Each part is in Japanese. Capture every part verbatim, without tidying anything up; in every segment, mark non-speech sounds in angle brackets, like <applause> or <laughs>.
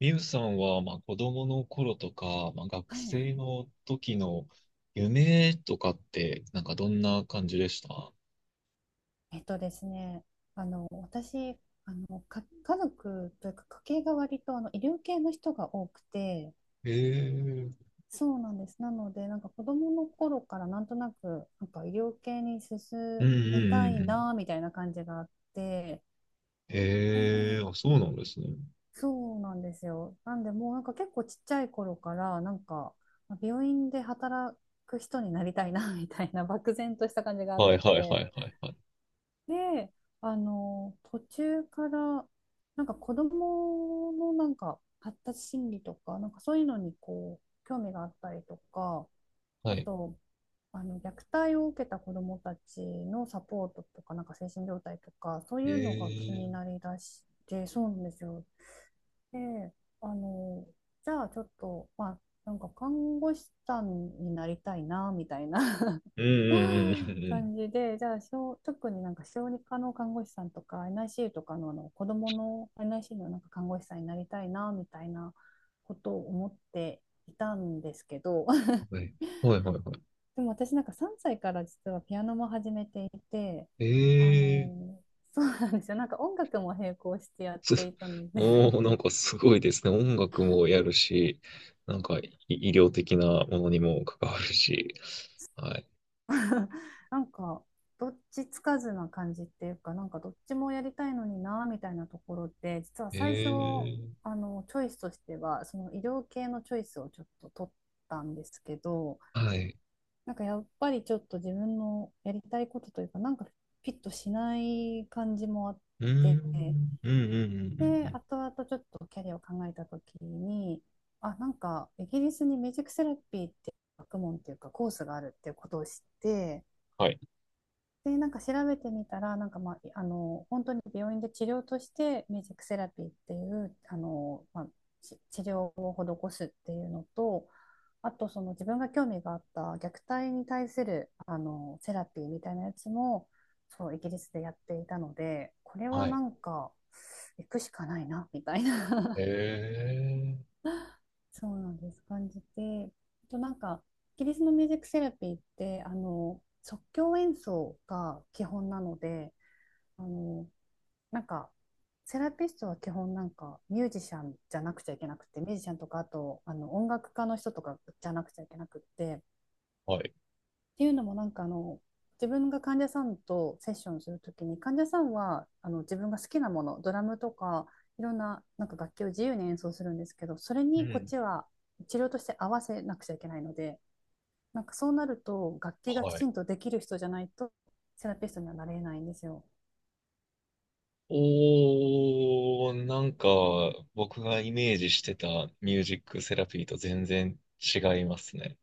みゆさんは、まあ、子供の頃とか、まあ、学はい。生の時の夢とかって、なんかどんな感じでした？えっとですね、あの、私、あの、か、家族というか家系が割とあの医療系の人が多くて、ええー、そうなんです。なので、なんか子供の頃からなんとなく、なんか医療系に進うんうんみたうんいうん。な、みたいな感じがあって、えええー、あ、え、そうなんですね。そうなんですよ。なんで、もうなんか結構ちっちゃい頃から、なんか、病院で働く人になりたいな、みたいな漠然とした感じがあっはいはいはいて、はいはい。で、あの、途中から、なんか子供のなんか発達心理とか、なんかそういうのにこう、興味があったりとか、はあい。と、あの、虐待を受けた子供たちのサポートとか、なんか精神状態とか、そうえいうのが気にえなー、りだして、そうなんですよ。で、あの、じゃあちょっと、まあ、なんか看護師さんになりたいな、みたいな うんうんう <laughs> んうん感じで、じゃあ小、特になんか小児科の看護師さんとか エヌアイシーユー とかの、あの子供の エヌアイシーユー のなんか看護師さんになりたいなみたいなことを思っていたんですけど うん。<laughs>、はいはいはいはい。でも私なんかさんさいから実はピアノも始めていて、えあえー、の、そうなんですよ。なんか音楽も並行してやっす、ていた <laughs> ので、 おー、なんかすごいですね。音楽もやるし、なんかい医療的なものにも関わるし。はい。<laughs> なんかどっちつかずな感じっていうかなんかどっちもやりたいのになみたいなところで、実はえ最初えー、あのチョイスとしてはその医療系のチョイスをちょっと取ったんですけど、はい。なんかやっぱりちょっと自分のやりたいことというかなんかピットしない感じもあっうーて、ん、うん、うん、うん、うんでうん。後々ちょっとキャリアを考えた時に、あなんかイギリスにミュージックセラピーって学問っていうかコースがあるっていうことを知って、はい。で、なんか調べてみたら、なんかまあ、あの、本当に病院で治療として、ミュージックセラピーっていう、あの、まあ、ち治療を施すっていうのと、あと、その自分が興味があった虐待に対する、あの、セラピーみたいなやつも、そう、イギリスでやっていたので、これははない。んか、行くしかないな、みたいな、へえ。<laughs> そうなんです、感じて、あとなんか、イギリスのミュージックセラピーって、あの、即興演奏が基本なので、あの、なんか、セラピストは基本なんかミュージシャンじゃなくちゃいけなくて、ミュージシャンとかあとあの音楽家の人とかじゃなくちゃいけなくって、っはい。ていうのもなんかあの、自分が患者さんとセッションするときに、患者さんはあの自分が好きなもの、ドラムとかいろんな、なんか楽器を自由に演奏するんですけど、それうにこっん。ちは治療として合わせなくちゃいけないので、なんかそうなると楽器がきはちい。んとできる人じゃないとセラピストにはなれないんですよ。おー、なんか、僕がイメージしてたミュージックセラピーと全然違いますね。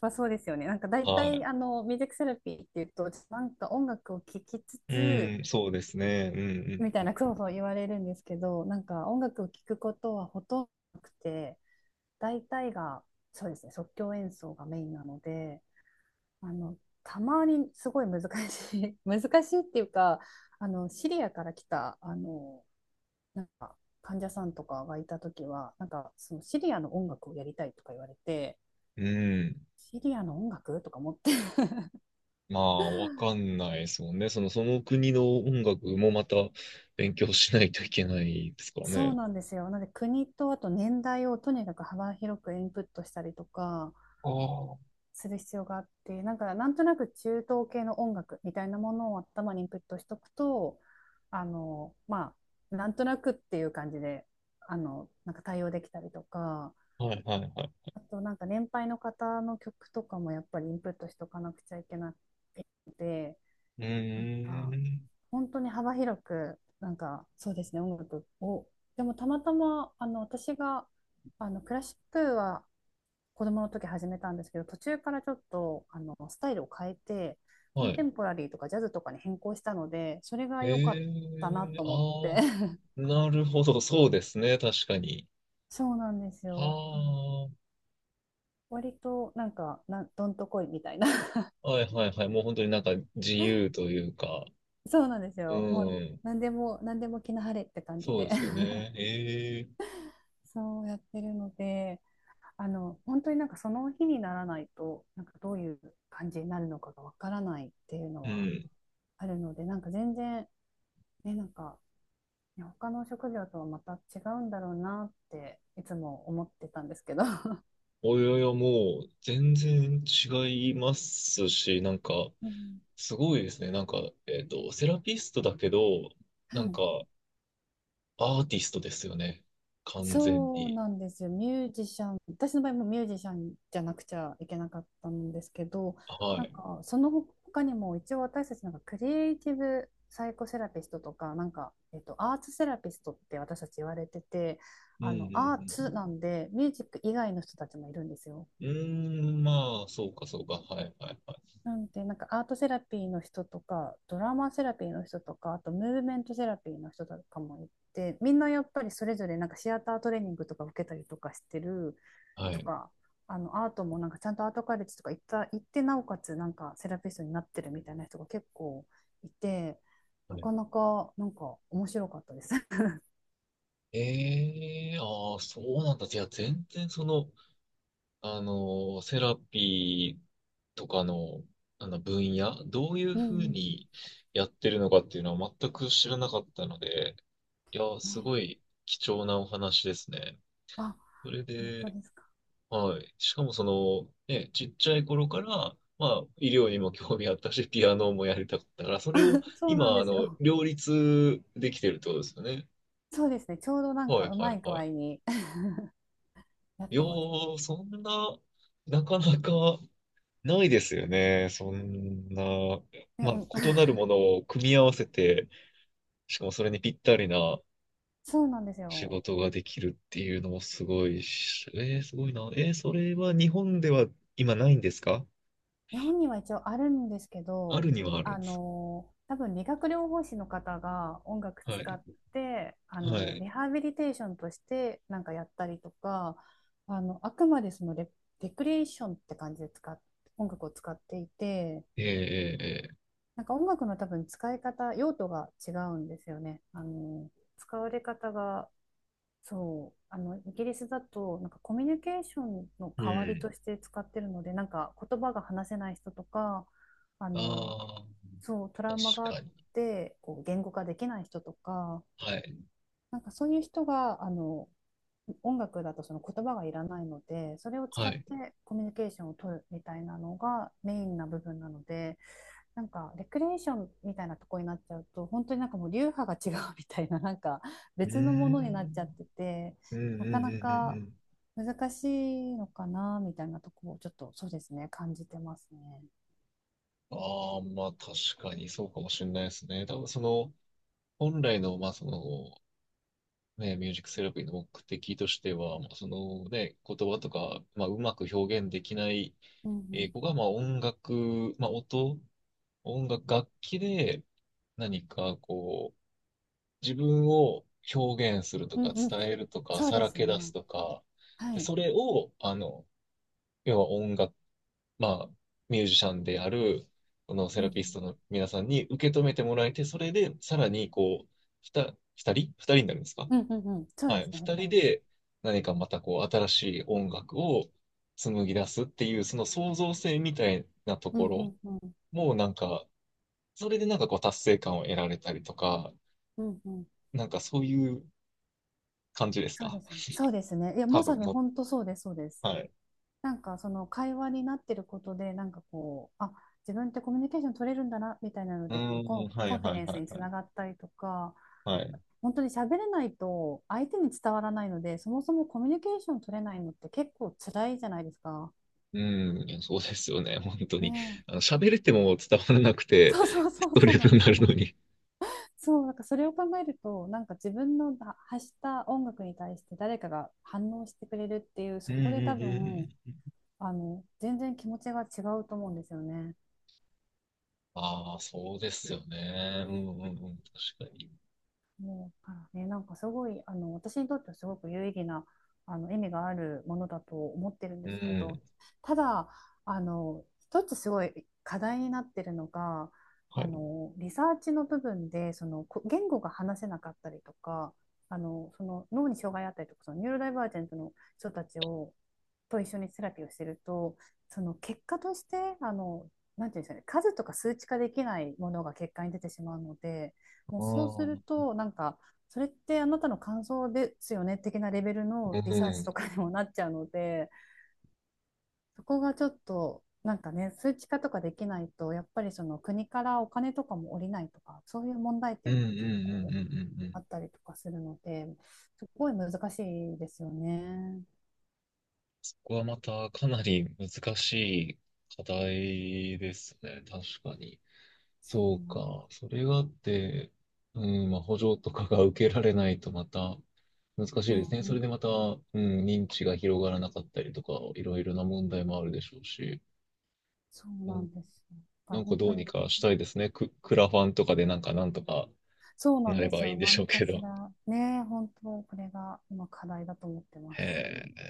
まあ、そうですよね。なんか大体、はあの、ミュージックセラピーっていうと、なんか音楽を聴きつつ、い。うん、そうですね。うみたいん、な、そうそう言われるんですけど、なんか音楽を聴くことはほとんどなくて、大体が、そうですね、即興演奏がメインなので、あの、たまにすごい難しい <laughs>、難しいっていうか、あの、シリアから来た、あの、なんか、患者さんとかがいたときは、なんか、そのシリアの音楽をやりたいとか言われて、うん。うん。シリアの音楽とか思って、まあ、わかんないですもんね。その、その国の音楽もまた勉強しないといけないですからそうね。なんですよ。なので国とあと年代をとにかく幅広くインプットしたりとかああ、はする必要があって、なんかなんとなく中東系の音楽みたいなものを頭にインプットしとくと、あの、まあ、なんとなくっていう感じで、あの、なんか対応できたりとか、い、はい、はい。あとなんか年配の方の曲とかもやっぱりインプットしとかなくちゃいけなくて、うーなんかん。本当に幅広く、なんか、そうですね、音楽を。でも、たまたま、あの、私が、あの、クラシックは子供の時始めたんですけど、途中からちょっと、あの、スタイルを変えて、コはンテい。ンポラリーとかジャズとかに変更したので、それがえ良かったなえ、と思っああ、て。<laughs> なるほど、そうですね、確かに。そうなんですよ。あの、は割と、なんか、な、どんとこいみたいな。<laughs> あ、はいはいはい、もう本当になんか自由というか、そうなんですうよ。もう、ん、なんでも、なんでも気の晴れって感じそうでで。すよね。ええ、そうやってるので、あの、本当になんかその日にならないと、なんかどういう感じになるのかがわからないっていうのうはん。あるので、なんか全然、ね、なんか、ね、他の職業とはまた違うんだろうなっていつも思ってたんですけど。<laughs> およよ、もう全然違いますし、なんか、うん、すごいですね。なんか、えっと、セラピストだけど、はなんか、い、アーティストですよね。完全そうに。なんですよ。ミュージシャン、私の場合もミュージシャンじゃなくちゃいけなかったんですけど、はなんい。かその他にも一応私たちなんかクリエイティブサイコセラピストとか、なんか、えっと、アーツセラピストって私たち言われてて、うんうあの、アーツなんんでミュージック以外の人たちもいるんですよ。うん。うーん、まあ、そうかそうか。はいはいはい。なんで、なんかアートセラピーの人とか、ドラマセラピーの人とか、あとムーブメントセラピーの人とかもいて、みんなやっぱりそれぞれなんかシアタートレーニングとか受けたりとかしてる、はといか、あのアートもなんかちゃんとアートカレッジとか行った行って、なおかつなんかセラピストになってるみたいな人が結構いて、はない。かなかなんか面白かったです。 <laughs>。ええ、ああ、そうなんだ。じゃあ全然その、あの、セラピーとかの、あの分野、どういううふうんうん、にやってるのかっていうのは全く知らなかったので、いや、すごね、い貴重なお話ですね。あ、それ本当で、ですか。はい。しかもその、ね、ちっちゃい頃から、まあ、医療にも興味あったし、ピアノもやりたかったから、それをそうなん今、であすの、よ。両立できてるってことですよね。そうですね。ちょうどなんはかい、うはまい、い具は合い。に <laughs> やっいやてます。ー、そんな、なかなかないですよね。そんな、ね、まあ、うん、異 <laughs> なるものを組み合わせて、しかもそれにぴったりなそうなんです仕よ。事ができるっていうのもすごいし、えー、すごいな。えー、それは日本では今ないんですか？日本には一応あるんですけあど、るにはあるんあです。の、多分理学療法士の方が音楽は使っい。て、あはの、い。リハビリテーションとしてなんかやったりとか、あの、あくまでそのレ、レクリエーションって感じで使っ、音楽を使っていて、えー、えなんか音楽の多分使い方、用途が違うんですよね。あの、使われ方がそう、あの、イギリスだと、なんかコミュニケーションのー、えー代わうりとん。して使ってるので、なんか言葉が話せない人とか、あの、ああ、そう、トラウマが確あかっに。て、こう、言語化できない人とか、はい。なんかそういう人が、あの、音楽だとその言葉がいらないので、それを使はっい。てコミュニケーションを取るみたいなのがメインな部分なので、なんかレクリエーションみたいなとこになっちゃうと本当になんかもう流派が違うみたいななんかうー別のものになっん。ちゃってて、うんうなかんなうんうんかうん。難しいのかなみたいなとこをちょっとそうですね感じてますね。ああ、まあ確かにそうかもしれないですね。多分その、本来の、まあその、ね、ミュージックセラピーの目的としては、まあ、そのね、言葉とか、まあうまく表現できないうえーん子が、まあ音楽、まあ音、音楽、楽器で何かこう、自分を表現するとうん、うか、んうん、伝えるとか、そうさでらすけ出すね。とか、はで、い。それを、あの、要は音楽、まあ、ミュージシャンである、このセうラんピストの皆さんに受け止めてもらえて、それで、さらに、こう、ふた、二人二人になるんですか？うんうんうんうん、そうはでい。二すね、ふた人り、で、何かまた、こう、新しい音楽を紡ぎ出すっていう、その創造性みたいなとうこんうろんうんも、なんか、それでなんかこう、達成感を得られたりとか、うんうん、なんかそういう感じですそうか？ですね。そうですね。いや、多まさ分にの、本当そうです、そうです。はい。なんかその会話になってることで、なんかこう、あ、自分ってコミュニケーション取れるんだな、みたいなのうで、こう、コーん、ン、はいコンフィはデいンスはにいつはい。ながったりとか、はい、本当に喋れないと相手に伝わらないので、そもそもコミュニケーション取れないのって結構辛いじゃないですか。うん、いやそうですよね、本当ねに。え。あの、喋れても伝わらなくて、そう、 <laughs> そう、そスう、トそレうスなんにでなするよ。のに。そう、なんかそれを考えると、なんか自分の発した音楽に対して誰かが反応してくれるっていう、うんそうこで多んう分、んうん。あの、全然気持ちが違うと思うんですよね。ああ、そうですよね。うんうんうん、確かに。もうからね、なんかすごい、あの、私にとってはすごく有意義な、あの、意味があるものだと思ってるんうですけど、ん。ただ、あの、一つすごい課題になってるのが、はあい。の、リサーチの部分で、その、こ言語が話せなかったりとか、あの、その脳に障害あったりとか、そのニューロダイバージェントの人たちを、と一緒にセラピーをしてると、その結果として、あの、なんていうんですかね、数とか数値化できないものが結果に出てしまうので、もあうそうあ、うするん。と、なんか、それってあなたの感想ですよね的なレベルうのリサーチんとかにもなっちゃうので、そこがちょっと、なんかね、数値化とかできないと、やっぱりその国からお金とかも下りないとか、そういう問題うんう点んが結う構んうんうあん。ったりとかするので、すごい難しいですよね。そこはまたかなり難しい課題ですね、確かに。そそうか。それがあって、うん、まあ、補助とかが受けられないとまた難しういなでん、すね。うそれん、でまた、うん、認知が広がらなかったりとか、いろいろな問題もあるでしょうし、そううなん、んですよ。だかならんか本ど当うにに、かしたいですね。ク、クラファンとかでなんかなんとかそうななんれですばいいんよ。でし何ょうかけしど。ら、ね、本当、これが今課題だと思ってます。へえ。